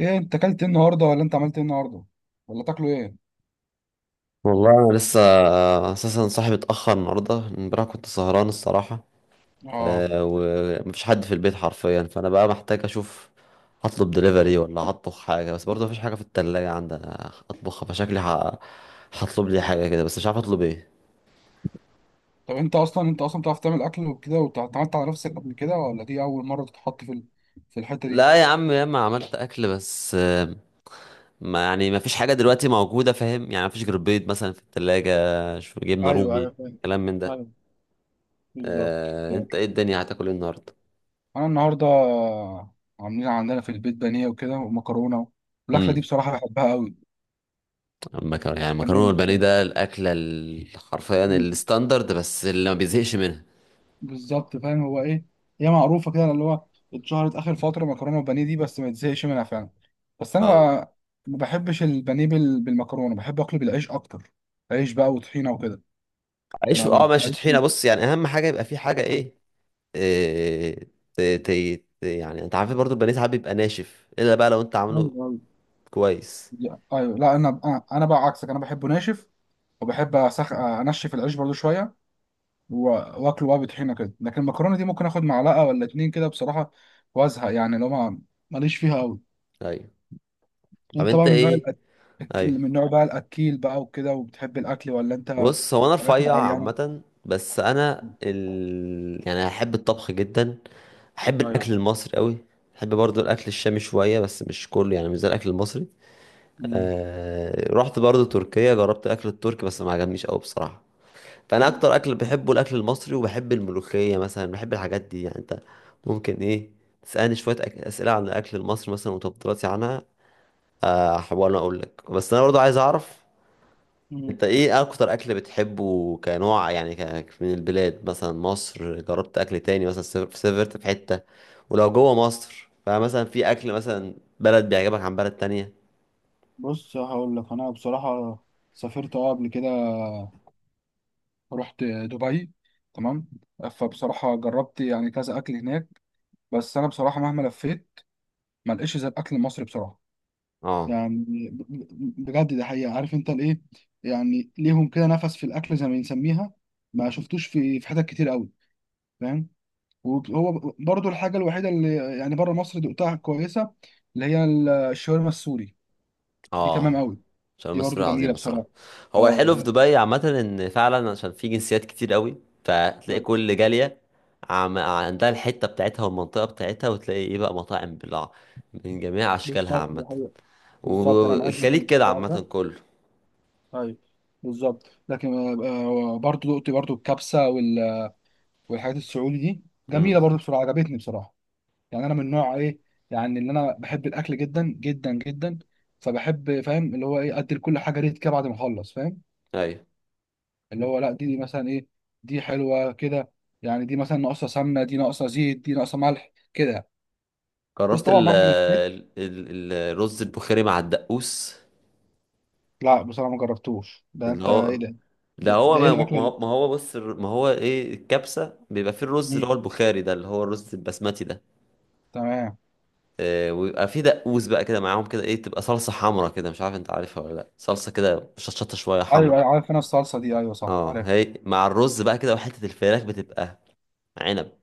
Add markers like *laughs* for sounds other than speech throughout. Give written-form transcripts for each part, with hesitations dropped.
ايه انت اكلت ايه النهارده ولا انت عملت ايه النهارده ولا تاكلوا ايه؟ والله انا لسه اساسا صاحبي اتاخر النهارده، امبارح كنت سهران الصراحه. اه. ومفيش حد في البيت حرفيا، فانا بقى محتاج اشوف هطلب دليفري ولا هطبخ حاجه، بس برضه مفيش حاجه في التلاجة عندي أنا اطبخها، فشكلي هطلب لي حاجه كده، بس مش عارف اطلب ايه. طب انت اصلا بتعرف تعمل اكل وكده واتعملت على نفسك قبل كده، ولا دي اول مره تتحط في الحته دي؟ لا يا عم، ياما عملت اكل، بس ما يعني مفيش حاجه دلوقتي موجوده، فاهم؟ يعني مفيش غير بيض مثلا في التلاجة، شو، جبنه ايوه، ايوه، رومي، فاهم. كلام من ده. ايوه. بالظبط. انت ايه؟ الدنيا هتاكل ايه النهارده؟ انا النهارده عاملين عندنا في البيت بانيه وكده ومكرونه، والاكله دي بصراحه بحبها قوي. المكرونه، يعني المكرونه بانيه. والبانيه، ده الاكله حرفيا الستاندرد، بس اللي ما بيزهقش منها. بالظبط، فاهم هو ايه. هي معروفه كده، اللي هو اتشهرت اخر فتره مكرونه وبانيه دي، بس ما تزهقش منها فعلا. بس انا اه، ما ما بحبش البانيه بالمكرونه، بحب اكله بالعيش اكتر. عيش بقى وطحينه وكده. عيش، ما اه، ب- ماشي، ماليش طحينه، بص يعني اهم حاجه يبقى في حاجه ايه, إيه. ت... ت... يعني انت عارف برضو البانيه ساعات بيبقى ناشف، الا بقى لو انت عامله ايوه، كويس. أيوة. ايوه. لا، انا انا أنا بقى عكسك، انا بحبه ناشف. انشف العيش برضو شويه. و- واكله بقى بطحينه كده، لكن المكرونه دي ممكن اخد معلقه ولا اتنين كده بصراحه، وازهق، يعني لو ما ماليش فيها قوي. ايوه. طب انت انت بقى من نوع ايه؟ ايوه. اللي من نوع بقى الاكيل بقى وكده، وبتحب الاكل، ولا انت بص، هو انا حاجات رفيع معينه؟ عامه، بس انا يعني احب الطبخ جدا. احب ايوه. الاكل المصري قوي. احب برضو الاكل الشامي شويه، بس مش كله، يعني مش زي الاكل المصري. مم. رحت برضو تركيا، جربت الاكل التركي، بس ما عجبنيش قوي بصراحه. فانا مم. اكتر اكل بحبه الاكل المصري، وبحب الملوخيه مثلا، بحب الحاجات دي. يعني انت ممكن ايه تسالني شويه اسئله عن الاكل المصري مثلا وتفضيلاتي عنها. احاول اقول لك، بس انا برضو عايز اعرف مم. انت ايه اكتر اكل بتحبه كنوع؟ يعني من البلاد، مثلا مصر، جربت اكل تاني مثلا؟ سافرت في حته؟ ولو جوه مصر، فمثلا في اكل مثلا بلد بيعجبك عن بلد تانية؟ بص هقول لك، انا بصراحه سافرت قبل كده، رحت دبي، تمام. فبصراحه جربت يعني كذا اكل هناك، بس انا بصراحه مهما لفيت ما لقيتش زي الاكل المصري بصراحه. اه، يعني بجد ده حقيقه، عارف انت الايه، يعني ليهم كده نفس في الاكل زي ما بنسميها، ما شفتوش في حتت كتير قوي، فاهم. وهو برضو الحاجة الوحيدة اللي يعني بره مصر دقتها كويسة، اللي هي الشاورما السوري. دي تمام اه، قوي. عشان دي برضو المسؤولية جميلة عظيمة بصراحة. الصراحة. هو اه الحلو في ب- دبي عامة ان فعلا عشان في جنسيات كتير قوي، فتلاقي كل جالية عندها الحتة بتاعتها والمنطقة بتاعتها، وتلاقي ايه بقى، مطاعم بلع من جميع اشكالها بالظبط، دي عامة. حقيقة. بالظبط، انا معاك والخليج جدا في كده الحوار عامة ده. كله. طيب. بالظبط، لكن برضو دقت برضو الكبسة والحاجات السعودي دي، امم. جميلة برضو بصراحة، عجبتني بصراحة. يعني انا من نوع ايه، يعني اللي انا بحب الاكل جدا جدا جدا، فبحب، فاهم اللي هو ايه، ادي لكل حاجة ريت كده بعد ما اخلص، فاهم. ايوه، اللي هو لا دي مثلا ايه، دي حلوه كده، يعني دي مثلا ناقصه سمنه، دي ناقصه زيت، دي ناقصه ملح كده، بس جربت طبعا مهما لفيت. الرز البخاري مع الدقوس. لا بصراحه ما جربتوش ده، اللي انت ايه هو، ده ده ده, هو، ده ايه ما ما الاكله دي؟ هو ما هو، بص، ما هو ايه الكبسة، بيبقى فيه الرز اللي مم. هو البخاري ده، اللي هو الرز البسمتي ده. تمام. ويبقى في دقوس بقى كده معاهم كده، ايه، تبقى صلصة حمرا كده، مش عارف انت عارفها ولا لا، صلصة كده شطشطة شوية حمرا. ايوه، أيوة، عارف انا الصلصه دي، ايوه صح، اه، عارف. هي مع الرز بقى كده وحتة الفراخ بتبقى عنب.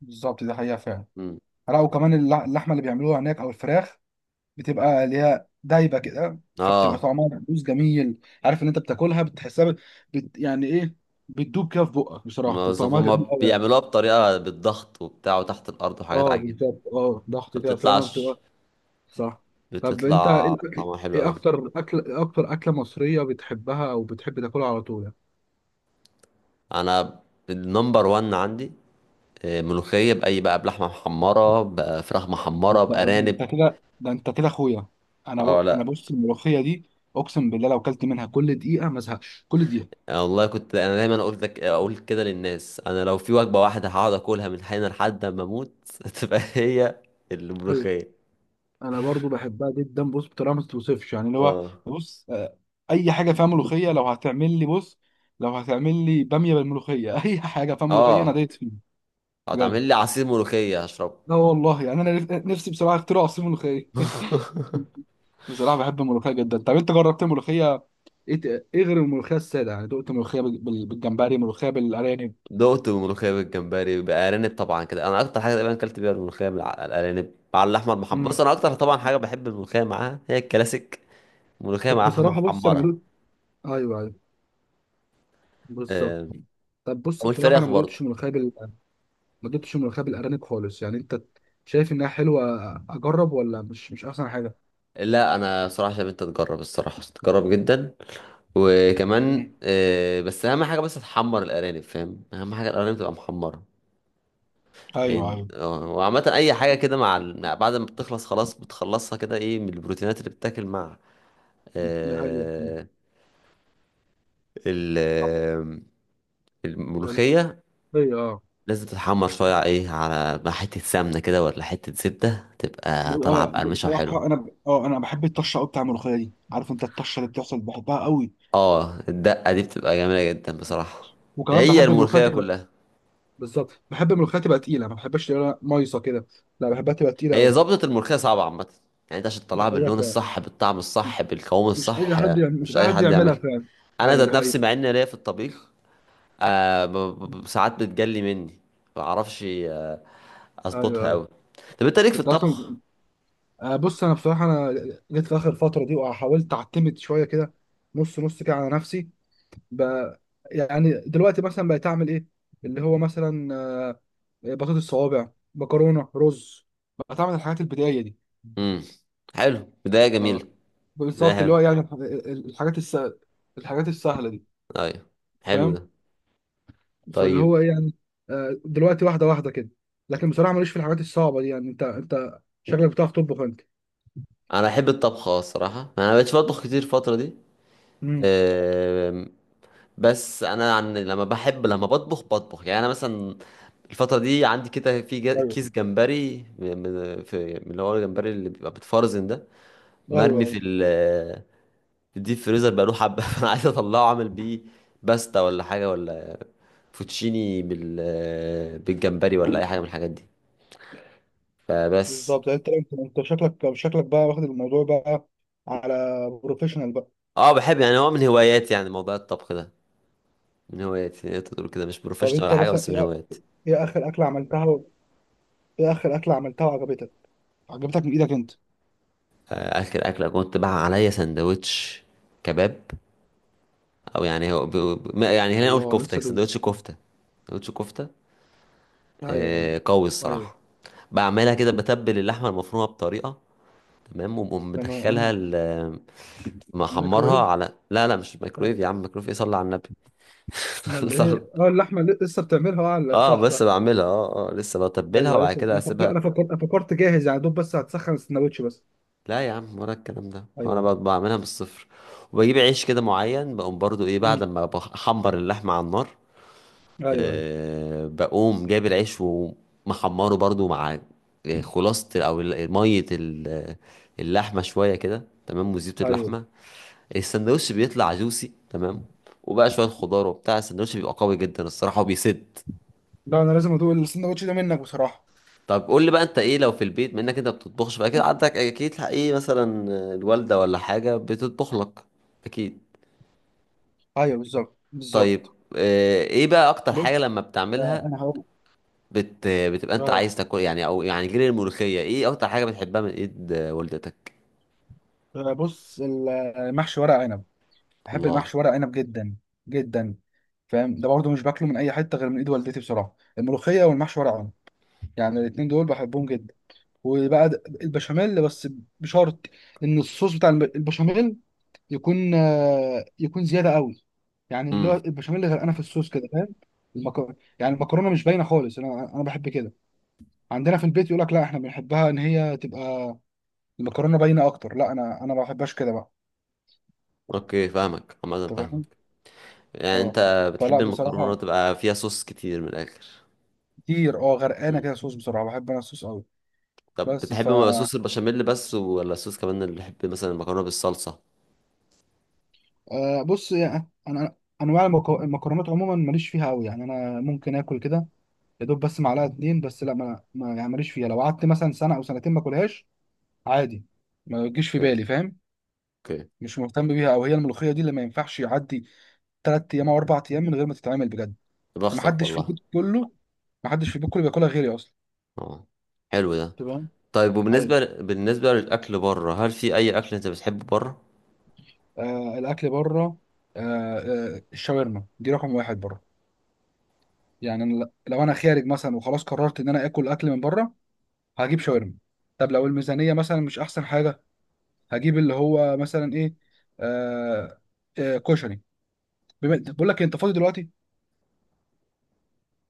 بالظبط، دي حقيقه فعلا. مم. لا، وكمان اللحمه اللي بيعملوها هناك او الفراخ، بتبقى اللي هي دايبه كده، فبتبقى اه، طعمها مقبوس جميل. عارف ان انت بتاكلها بتحسها يعني ايه، بتدوب كده في بقك بصراحه، ما بتبقى بالظبط طعمها هما جميل قوي. بيعملوها بطريقة بالضغط وبتاع، وتحت الأرض وحاجات اه عجيبة. بالظبط، ضغط ما كده فعلا بتطلعش، بتبقى. صح. طب انت ايه بتطلع طعمها حلو أوي. إيه اكتر اكله مصريه بتحبها او بتحب تاكلها على طول يعني؟ أنا النمبر وان عندي ملوخية، بأي بقى، بلحمة محمرة، بفراخ محمرة، انت ده، انت بأرانب. كده، ده انت كده اخويا. اه، انا لا. بص، الملوخيه دي اقسم بالله لو اكلت منها كل دقيقه ما ازهقش كل دقيقه. أنا والله كنت انا دايما اقول لك، اقول كده للناس، انا لو في وجبه واحده هقعد اكلها من حين لحد ما اموت *laughs* تبقى هي ايوه. الملوخيه. انا برضو بحبها جدا، بص بطريقه ما تتوصفش، يعني اللي هو اه، بص. اي حاجه فيها ملوخيه، لو هتعمل لي بص، لو هتعمل لي باميه بالملوخيه *laughs* اي حاجه فيها ملوخيه انا اه، دايت فيها. بجد. هتعمل لي عصير ملوخيه هشربه. لا والله، يعني انا نفسي بصراحه اخترع عصير ملوخيه. *laughs* بصراحه بحب الملوخيه جدا. طب انت جربت ملوخيه ايه غير الملوخيه الساده؟ يعني دقت ملوخيه بالجمبري، ملوخيه بالارانب. دقت ملوخيه بالجمبري، بارانب طبعا، كده انا اكتر حاجه تقريبا اكلت بيها الملوخيه مع الارانب مع اللحمه المحمره. بص امم انا اكتر طبعا حاجه بحب الملوخيه معاها هي الكلاسيك، ملوخيه طب مع لحمه بصراحه، بص انا محمره. ملوك *laughs* ايوه، ايوه، بالظبط. آه، طب بص بصراحه، انا والفراخ ما برضه. دقتش ملوخيه ما دقتش ملوخيه بالارانب خالص، يعني انت شايف انها حلوه؟ اجرب ولا مش احسن حاجه؟ لا، انا صراحه شايف انت تجرب، الصراحه تجرب جدا. وكمان امم. بس اهم حاجه بس تحمر الارانب، فاهم؟ اهم حاجه الارانب تبقى محمره. ايوه، يعني ايوه، اه، وعامه اي حاجه كده مع بعد ما بتخلص خلاص، بتخلصها كده ايه من البروتينات اللي بتتاكل مع ده حقيقي. آه، ال- صح. آه، الملوخية. الملوخيه. اه. لازم تتحمر شويه ايه، على مع حته سمنه كده، ولا حته زبده، تبقى طالعه بقرمشه وحلوه. بصراحة أنا ب... أه أنا بحب الطشة أوي بتاع الملوخية دي، عارف أنت الطشة اللي بتحصل بحبها أوي، اه، الدقه دي بتبقى جميله جدا بصراحه. وكمان هي بحب الملوخية الملوخيه تبقى، كلها. بالظبط، بحب الملوخية تبقى تقيلة، ما بحبهاش تبقى مايصة كده، لا بحبها تبقى تقيلة هي أوي، ظبطة الملوخية صعبة عامة. يعني انت عشان دي تطلعها حقيقة باللون فعلا، الصح بالطعم الصح بالقوام مش أي الصح، حد، يعني مش مش أي اي حد حد يعملها يعملها. فعلا. انا أيوه، دي ذات نفسي حقيقة. مع اني ليا في الطبيخ، آه ب- ساعات بتجلي مني. ما بعرفش أيوه، اظبطها أيوه. قوي. طب انت ليك في أنت الطبخ؟ أصلا بص، أنا بصراحة، أنا جيت في آخر فترة دي وحاولت أعتمد شوية كده، نص نص كده على نفسي بقى. يعني دلوقتي مثلا بقيت اعمل ايه، اللي هو مثلا بطاطس صوابع، مكرونه، رز، بقيت اعمل الحاجات البدائيه دي. امم. حلو، بداية جميلة. اه بداية بالظبط، اللي هو حلوة. يعني الحاجات الس... الحاجات السهله دي، ايوه، حلو فاهم. ده. فاللي طيب. هو إيه يعني، دلوقتي واحده واحده كده، لكن بصراحه ماليش في الحاجات الصعبه دي، يعني انت شكلك بتعرف تطبخ انت. انا احب الطبخ، اه الصراحة انا مبقتش بطبخ كتير الفترة دي. امم. آم، بس انا عن لما بحب، لما بطبخ بطبخ، يعني انا مثلا الفترة دي عندي كده في ايوه، كيس جمبري، في من اللي هو الجمبري اللي بيبقى بيتفرزن ده، ايوه، مرمي ايوه، في الديب فريزر بقاله حبة *laughs* فأنا عايز أطلعه، أعمل بيه باستا ولا حاجة، ولا فوتشيني بالجمبري، ولا أي حاجة من الحاجات دي فبس. بالظبط. يعني انت شكلك بقى واخد الموضوع بقى على بروفيشنال بقى. اه، بحب يعني، هو من هواياتي يعني، موضوع الطبخ ده من هواياتي يعني. تقدر تقول كده مش طب بروفيشنال انت ولا حاجة، مثلا، بس من هواياتي. ايه اخر اكله عملتها و... ايه اخر اكله عملتها وعجبتك، عجبتك من ايدك انت؟ آه، آخر أكلة كنت بقى عليا سندوتش كباب، أو يعني هو يعني هنا نقول الله كفتة، لسه دوب. سندوتش كفتة. سندوتش كفتة ايوه، ايوه، قوي ايوه، الصراحة. بعملها كده، بتبل اللحمة المفرومة بطريقة تمام، وبقوم لما مدخلها محمرها ميكروويف. على، لا لا مش ميكرويف يا عم، ميكرويف ايه، صلي على النبي. امال *laughs* صلي- ايه، اللحمه اللي لسه بتعملها، اه، لا، اه، صح صح. بس بعملها، اه، اه، لسه بتبلها ايوه وبعد لسه، كده انا فكرت انا اسيبها. فكرت فكرت جاهز يعني دوب، بس هتسخن السندوتش بس. لا يا عم، ولا الكلام ده، هو انا ايوه. بعملها من الصفر، وبجيب عيش كده معين، بقوم برضو ايه بعد امم. ما بحمر اللحمة على النار، ايوه، ايوه، بقوم جايب العيش ومحمره برضو مع خلاصة، او مية اللحمة شوية كده تمام، وزيت ايوه. اللحمة. السندوتش بيطلع جوسي تمام، وبقى شوية خضار وبتاع، السندوتش بيبقى قوي جدا الصراحة وبيسد. لا، انا لازم ادوق السندوتش ده منك بصراحه. طب قول لي بقى انت ايه لو في البيت منك، انت بتطبخش بقى كده؟ عندك اكيد ايه، مثلا الوالدة ولا حاجة بتطبخ لك. اكيد. ايوه، بالظبط، طيب. بالظبط. ايه بقى اكتر حاجة بص، لما بتعملها انا هقول. بتبقى انت اه عايز تاكل يعني؟ او يعني غير الملوخية ايه اكتر حاجة بتحبها من ايد والدتك؟ بص، المحشي ورق عنب، بحب الله. المحشي ورق عنب جدا جدا. فاهم، ده برضه مش باكله من اي حته غير من ايد والدتي بصراحه، الملوخيه والمحشي ورق عنب، يعني الاتنين دول بحبهم جدا. وبقى البشاميل بس، بشرط ان الصوص بتاع البشاميل يكون زياده قوي، يعني اللي هو امم. البشاميل غرقانه في الصوص كده، فاهم. المكرونه، يعني المكرونه مش باينه خالص، انا بحب كده. عندنا في البيت يقول لك لا احنا بنحبها ان هي تبقى المكرونه باينه اكتر، لا انا ما بحبهاش كده بقى. اوكي، فاهمك عامة، انت فاهم. فاهمك. يعني اه. انت بتحب فلا المكرونة بصراحه تبقى فيها صوص كتير من الاخر. كتير، غرقانه مم. كده صوص بسرعه، بحب انا الصوص قوي. طب بس ف بتحب صوص البشاميل بس، ولا الصوص كمان، اللي بيحب مثلا المكرونة بالصلصة؟ آه، بص، يعني انا انواع المكرونات عموما ماليش فيها قوي، يعني انا ممكن اكل كده يا دوب بس معلقه اتنين بس. لا يعني ماليش فيها، لو قعدت مثلا سنه او سنتين ما اكلهاش عادي، ما تجيش في اوكي، بالي، فاهم. اوكي. مش مهتم بيها، او هي الملوخيه دي اللي ما ينفعش يعدي 3 ايام او 4 ايام من غير ما تتعمل بجد. بختك ومحدش في والله. البيت كله، محدش في البيت كله بياكلها غيري اصلا. اه، حلو ده. تمام. طيب، طيب. وبالنسبة للأكل بره، هل في أي أكل أنت بتحبه بره؟ الاكل بره. آه الشاورما دي رقم واحد بره. يعني أنا لو انا خارج مثلا وخلاص قررت ان انا اكل اكل من بره، هجيب شاورما. طب لو الميزانيه مثلا مش احسن حاجه، هجيب اللي هو مثلا ايه، آه كشري. بقول لك إيه، انت فاضي دلوقتي؟